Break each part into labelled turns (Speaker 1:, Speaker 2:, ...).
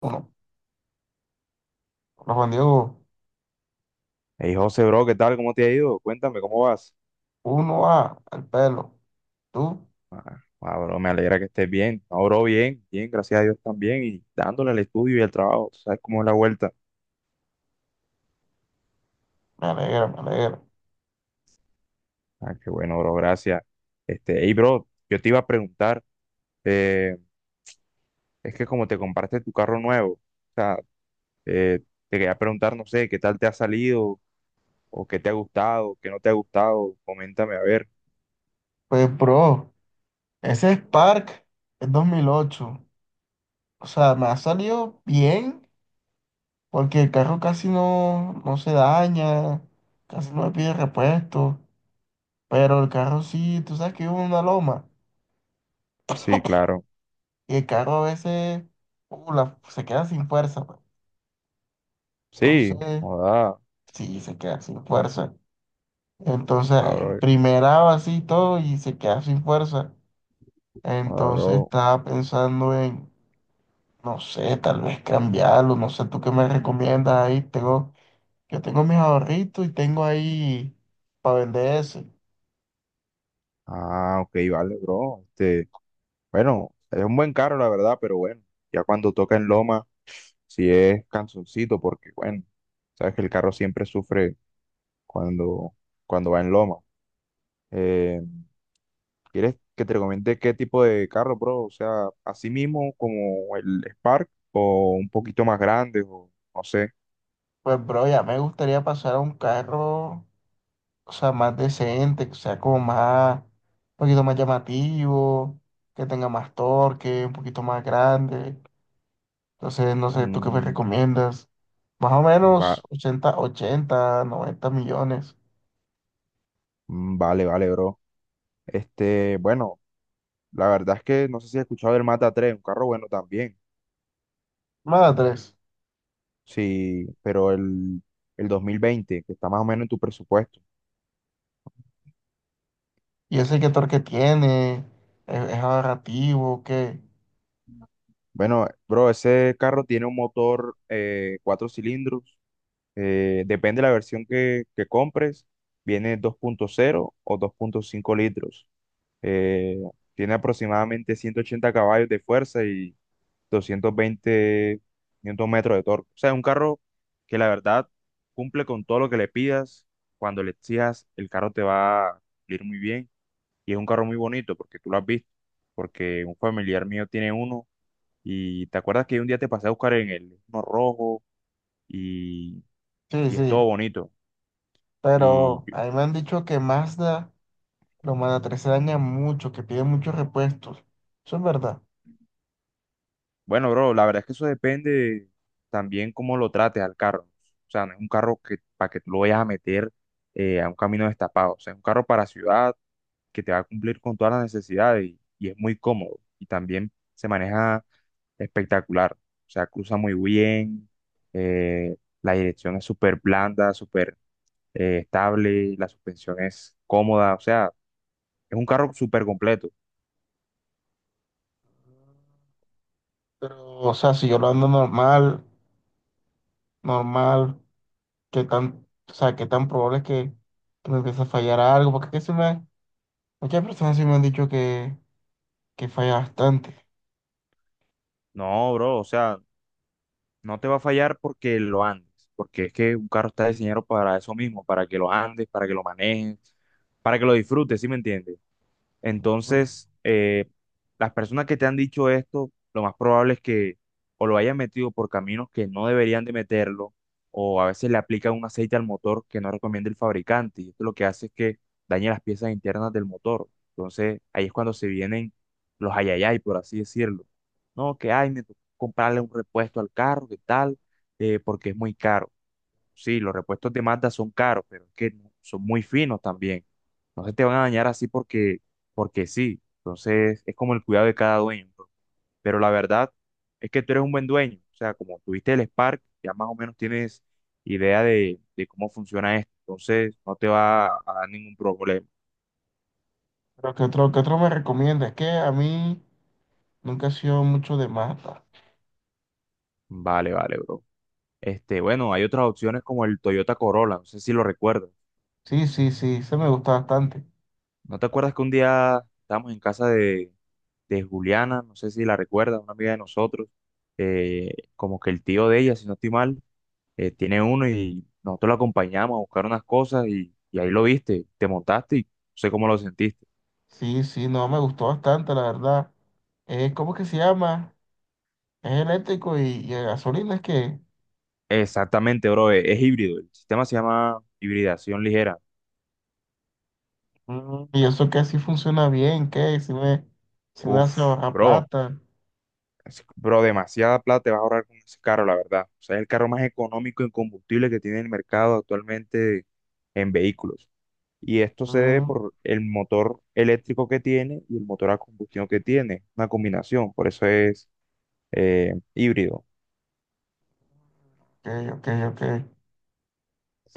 Speaker 1: Uno, Juan Diego,
Speaker 2: Hey, José, bro, ¿qué tal? ¿Cómo te ha ido? Cuéntame, ¿cómo vas?
Speaker 1: uno A al pelo. Tú,
Speaker 2: Ah, bro, me alegra que estés bien. No, bro, bien, gracias a Dios también. Y dándole al estudio y al trabajo, tú ¿sabes cómo es la vuelta?
Speaker 1: me alegra, me alegra.
Speaker 2: Ah, qué bueno, bro, gracias. Este, hey, bro, yo te iba a preguntar, eh, es que como te compraste tu carro nuevo, o sea, eh, te quería preguntar, no sé, ¿qué tal te ha salido? ¿O qué te ha gustado? ¿Qué no te ha gustado? Coméntame, a ver.
Speaker 1: Pues, bro, ese Spark es 2008. O sea, me ha salido bien porque el carro casi no, no se daña, casi no me pide repuesto. Pero el carro sí, tú sabes que vivo en una loma
Speaker 2: Sí, claro.
Speaker 1: y el carro a veces se queda sin fuerza, pues.
Speaker 2: Sí,
Speaker 1: Entonces,
Speaker 2: joda,
Speaker 1: sí, se queda sin fuerza. Entonces,
Speaker 2: ah,
Speaker 1: en
Speaker 2: bro,
Speaker 1: primera así y todo y se queda sin fuerza.
Speaker 2: joda,
Speaker 1: Entonces
Speaker 2: bro.
Speaker 1: estaba pensando en, no sé, tal vez cambiarlo, no sé, tú qué me recomiendas ahí. Yo tengo mis ahorritos y tengo ahí para vender ese.
Speaker 2: Ah, ok, vale, bro. Este. Bueno, es un buen carro, la verdad, pero bueno, ya cuando toca en Loma, sí es cansoncito, porque bueno, sabes que el carro siempre sufre cuando, cuando va en Loma. Eh, ¿Quieres que te recomiende qué tipo de carro, bro? O sea, así mismo como el Spark o un poquito más grande, o no sé.
Speaker 1: Pues, bro, ya me gustaría pasar a un carro, o sea, más decente, que sea como más, un poquito más llamativo, que tenga más torque, un poquito más grande. Entonces, no sé, tú qué me
Speaker 2: Mm,
Speaker 1: recomiendas. Más o
Speaker 2: va,
Speaker 1: menos 80 80 90 millones.
Speaker 2: mm, vale, bro. Este, bueno, la verdad es que no sé si has escuchado del Mata tres, un carro bueno también.
Speaker 1: Madres.
Speaker 2: Sí, pero el 2020 que está más o menos en tu presupuesto.
Speaker 1: Y el sector que tiene es ahorrativo, que
Speaker 2: Bueno, bro, ese carro tiene un motor cuatro cilindros. Depende de la versión que compres. Viene dos punto cero o dos punto cinco litros. eh, tiene aproximadamente 180 caballos de fuerza y 220 newton metros de torque. O sea, es un carro que la verdad cumple con todo lo que le pidas. Cuando le exijas, el carro te va a ir muy bien. Y es un carro muy bonito porque tú lo has visto, porque un familiar mío tiene uno y te acuerdas que un día te pasé a buscar en el uno rojo y,
Speaker 1: sí,
Speaker 2: y es todo
Speaker 1: sí.
Speaker 2: bonito. Y
Speaker 1: Pero
Speaker 2: yo-
Speaker 1: a mí me han dicho que Mazda, los Mazda 3 se dañan mucho, que piden muchos repuestos. Eso es verdad.
Speaker 2: bueno, bro, la verdad es que eso depende también cómo lo trates al carro. O sea, no es un carro que para que tú lo vayas a meter a un camino destapado. O sea, es un carro para ciudad que te va a cumplir con todas las necesidades y es muy cómodo. Y también se maneja espectacular. O sea, cruza muy bien, la dirección es súper blanda, súper estable, la suspensión es cómoda, o sea, es un carro súper completo.
Speaker 1: Pero, o sea, si yo lo ando normal, normal, qué tan, o sea, qué tan probable es que me empiece a fallar algo, porque que se me, muchas personas sí me han dicho que falla bastante.
Speaker 2: No, bro, o sea, no te va a fallar porque lo andes, porque es que un carro está diseñado para eso mismo, para que lo andes, para que lo manejes, para que lo disfrutes, ¿sí me entiendes?
Speaker 1: Ujú.
Speaker 2: Entonces, las personas que te han dicho esto, lo más probable es que o lo hayan metido por caminos que no deberían de meterlo, o a veces le aplican un aceite al motor que no recomienda el fabricante, y esto lo que hace es que dañe las piezas internas del motor. Entonces, ahí es cuando se vienen los ayayay, por así decirlo. No, que ay, me tocó comprarle un repuesto al carro, que tal, porque es muy caro. Sí, los repuestos de Mazda son caros, pero es que son muy finos también. No se te van a dañar así porque sí. Entonces es como el cuidado de cada dueño. Bro. Pero la verdad es que tú eres un buen dueño. O sea, como tuviste el Spark, ya más o menos tienes idea de cómo funciona esto. Entonces no te va a dar ningún problema.
Speaker 1: Pero qué otro me recomienda? Es que a mí nunca he sido mucho de Mazda.
Speaker 2: Vale, bro. Este, bueno, hay otras opciones como el Toyota Corolla. No sé si lo recuerdas.
Speaker 1: Sí, sí, sí, se me gusta bastante.
Speaker 2: ¿No te acuerdas que un día estábamos en casa de Juliana, no sé si la recuerda, una amiga de nosotros, como que el tío de ella, si no estoy mal, tiene uno y nosotros lo acompañamos a buscar unas cosas y ahí lo viste, te montaste y no sé cómo lo sentiste.
Speaker 1: Sí, sí, no, me gustó bastante, la verdad. ¿Cómo que se llama? Es eléctrico y a gasolina, es que...
Speaker 2: Exactamente, bro, es, híbrido, el sistema se llama hibridación ligera.
Speaker 1: Mm, y eso que así funciona bien, que si me, si me hace
Speaker 2: Uf,
Speaker 1: ahorrar
Speaker 2: bro,
Speaker 1: plata.
Speaker 2: bro, demasiada plata te vas a ahorrar con ese carro, la verdad. O sea, es el carro más económico en combustible que tiene el mercado actualmente en vehículos. Y esto se debe
Speaker 1: Mm.
Speaker 2: por el motor eléctrico que tiene y el motor a combustión que tiene, una combinación, por eso es híbrido.
Speaker 1: Ok, ok, ok.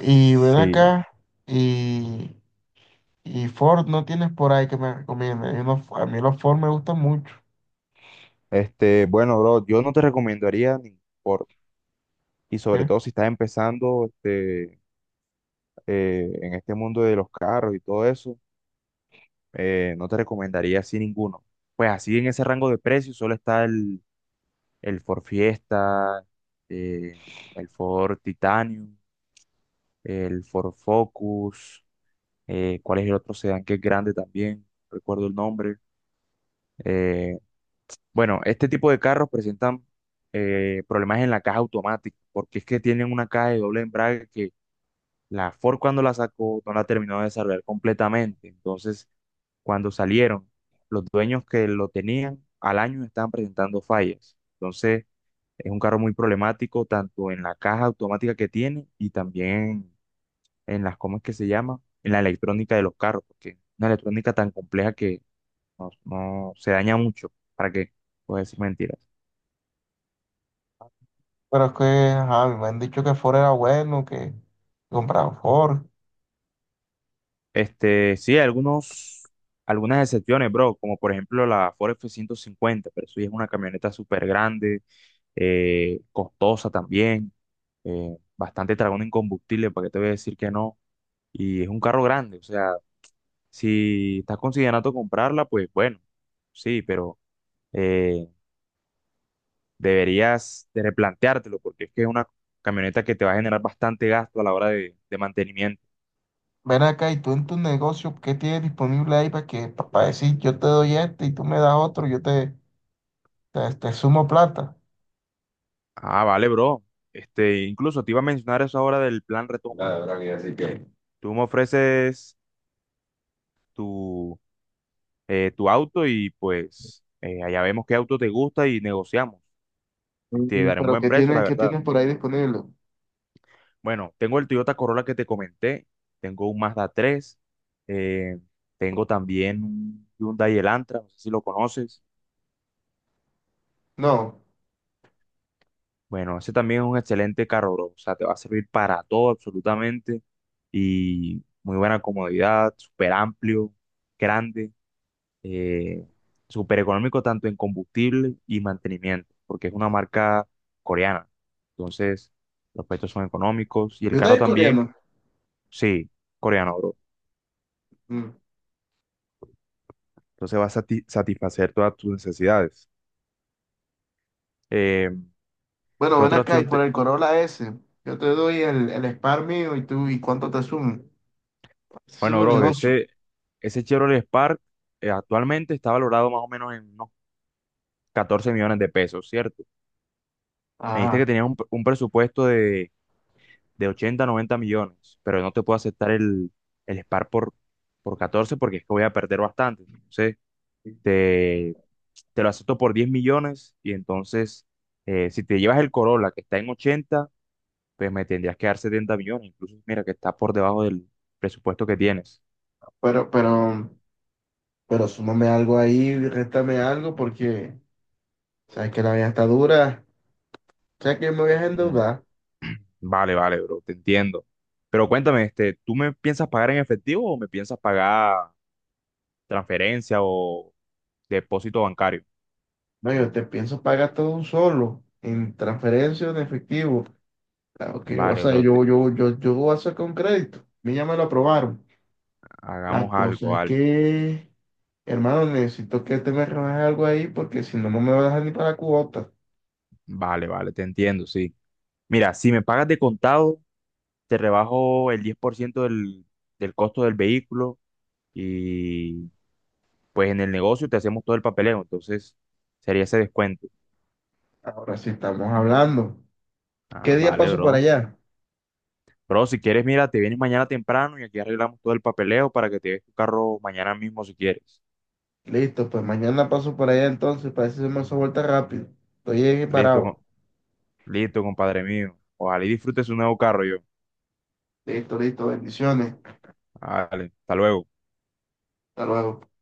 Speaker 1: Y ven acá, y, y Ford no tienes por ahí que me recomiende. Hay unos, a mí los Ford me gustan mucho.
Speaker 2: este, bueno, bro, yo no te recomendaría ningún Ford, y sobre
Speaker 1: ¿Qué?
Speaker 2: todo si estás empezando este, en este mundo de los carros y todo eso, no te recomendaría así ninguno. Pues así en ese rango de precios solo está el Ford Fiesta, eh, el Ford Titanium, el Ford Focus. Cuál es el otro sedán que es grande también, no recuerdo el nombre. Eh, bueno, este tipo de carros presentan problemas en la caja automática, porque es que tienen una caja de doble embrague que la Ford cuando la sacó no la terminó de desarrollar completamente. Entonces, cuando salieron, los dueños que lo tenían al año estaban presentando fallas. Entonces, es un carro muy problemático, tanto en la caja automática que tiene y también en las, ¿cómo es que se llama? En la electrónica de los carros, porque una electrónica tan compleja que no, no se daña mucho. ¿Para qué? Puedes decir mentiras.
Speaker 1: Pero es que, ajá, me han dicho que Ford era bueno, que compraron Ford.
Speaker 2: Este, sí, algunos, algunas excepciones, bro, como por ejemplo la Ford F-150, pero eso ya es una camioneta súper grande, costosa también, bastante dragón en combustible, ¿para qué te voy a decir que no? Y es un carro grande, o sea, si estás considerando comprarla, pues bueno, sí, pero... eh, deberías de replanteártelo porque es que es una camioneta que te va a generar bastante gasto a la hora de mantenimiento.
Speaker 1: Ven acá, y tú en tu negocio, ¿qué tienes disponible ahí para que, para decir yo te doy este y tú me das otro, yo te sumo plata?
Speaker 2: Ah, vale, bro. Este, incluso te iba a mencionar eso ahora del plan retoma.
Speaker 1: La verdad que así que...
Speaker 2: Tú me ofreces tu, tu auto y pues allá vemos qué auto te gusta y negociamos. Y te
Speaker 1: Mm,
Speaker 2: daré un
Speaker 1: pero
Speaker 2: buen
Speaker 1: ¿qué
Speaker 2: precio,
Speaker 1: tienes,
Speaker 2: la
Speaker 1: qué
Speaker 2: verdad.
Speaker 1: tienes por ahí disponible?
Speaker 2: Bueno, tengo el Toyota Corolla que te comenté, tengo un Mazda 3, eh, tengo también un Hyundai Elantra, no sé si lo conoces.
Speaker 1: No,
Speaker 2: Bueno, ese también es un excelente carro, bro. O sea, te va a servir para todo absolutamente. Y muy buena comodidad, súper amplio, grande, eh, súper económico tanto en combustible y mantenimiento, porque es una marca coreana. Entonces, los precios son económicos y el
Speaker 1: yo
Speaker 2: carro
Speaker 1: de
Speaker 2: también,
Speaker 1: coreano.
Speaker 2: sí, coreano, bro.
Speaker 1: Mm.
Speaker 2: Entonces va a satisfacer todas tus necesidades. Eh,
Speaker 1: Bueno,
Speaker 2: ¿Qué
Speaker 1: ven
Speaker 2: otra
Speaker 1: acá y
Speaker 2: opción
Speaker 1: por
Speaker 2: te...
Speaker 1: el Corolla S, yo te doy el Spark mío y tú, ¿y cuánto te sumo? Es
Speaker 2: Bueno,
Speaker 1: un
Speaker 2: bro,
Speaker 1: negocio.
Speaker 2: ese Chevrolet Spark actualmente está valorado más o menos en unos 14 millones de pesos, ¿cierto? Me dijiste
Speaker 1: Ajá,
Speaker 2: que tenías un presupuesto de 80 90 millones, pero no te puedo aceptar el SPAR por 14 porque es que voy a perder bastante. Entonces, te, te lo acepto por 10 millones y entonces, si te llevas el Corolla que está en 80 pues me tendrías que dar 70 millones, incluso mira que está por debajo del presupuesto que tienes.
Speaker 1: pero, pero, pero súmame algo ahí, réstame algo porque sabes que la vida está dura, sabes que me voy a
Speaker 2: Mm,
Speaker 1: endeudar.
Speaker 2: vale, vale, bro, te entiendo. Pero cuéntame, este, ¿tú me piensas pagar en efectivo o me piensas pagar transferencia o depósito bancario?
Speaker 1: No, yo te pienso pagar todo un solo, en transferencia o en efectivo. Claro que yo voy a
Speaker 2: Vale,
Speaker 1: hacer,
Speaker 2: bro, te-
Speaker 1: yo voy a sacar un crédito. A mí ya me lo aprobaron. La
Speaker 2: hagamos algo,
Speaker 1: cosa es
Speaker 2: vale.
Speaker 1: que, hermano, necesito que te me rebajes algo ahí porque si no, no me vas a dejar ni para la cuota.
Speaker 2: Vale, vale, te entiendo, sí. Mira, si me pagas de contado, te rebajo el 10% del costo del vehículo y pues en el negocio te hacemos todo el papeleo, entonces sería ese descuento.
Speaker 1: Ahora sí estamos hablando.
Speaker 2: Ah,
Speaker 1: ¿Qué día
Speaker 2: vale,
Speaker 1: paso para
Speaker 2: bro.
Speaker 1: allá?
Speaker 2: Bro, si quieres, mira, te vienes mañana temprano y aquí arreglamos todo el papeleo para que te des tu carro mañana mismo si quieres.
Speaker 1: Listo, pues mañana paso para allá entonces, para eso se me hace vuelta rápido. Estoy ahí
Speaker 2: Listo,
Speaker 1: parado.
Speaker 2: listo, compadre mío. Ojalá y disfrutes un nuevo carro yo.
Speaker 1: Listo, listo, bendiciones.
Speaker 2: Vale, hasta luego.
Speaker 1: Hasta luego.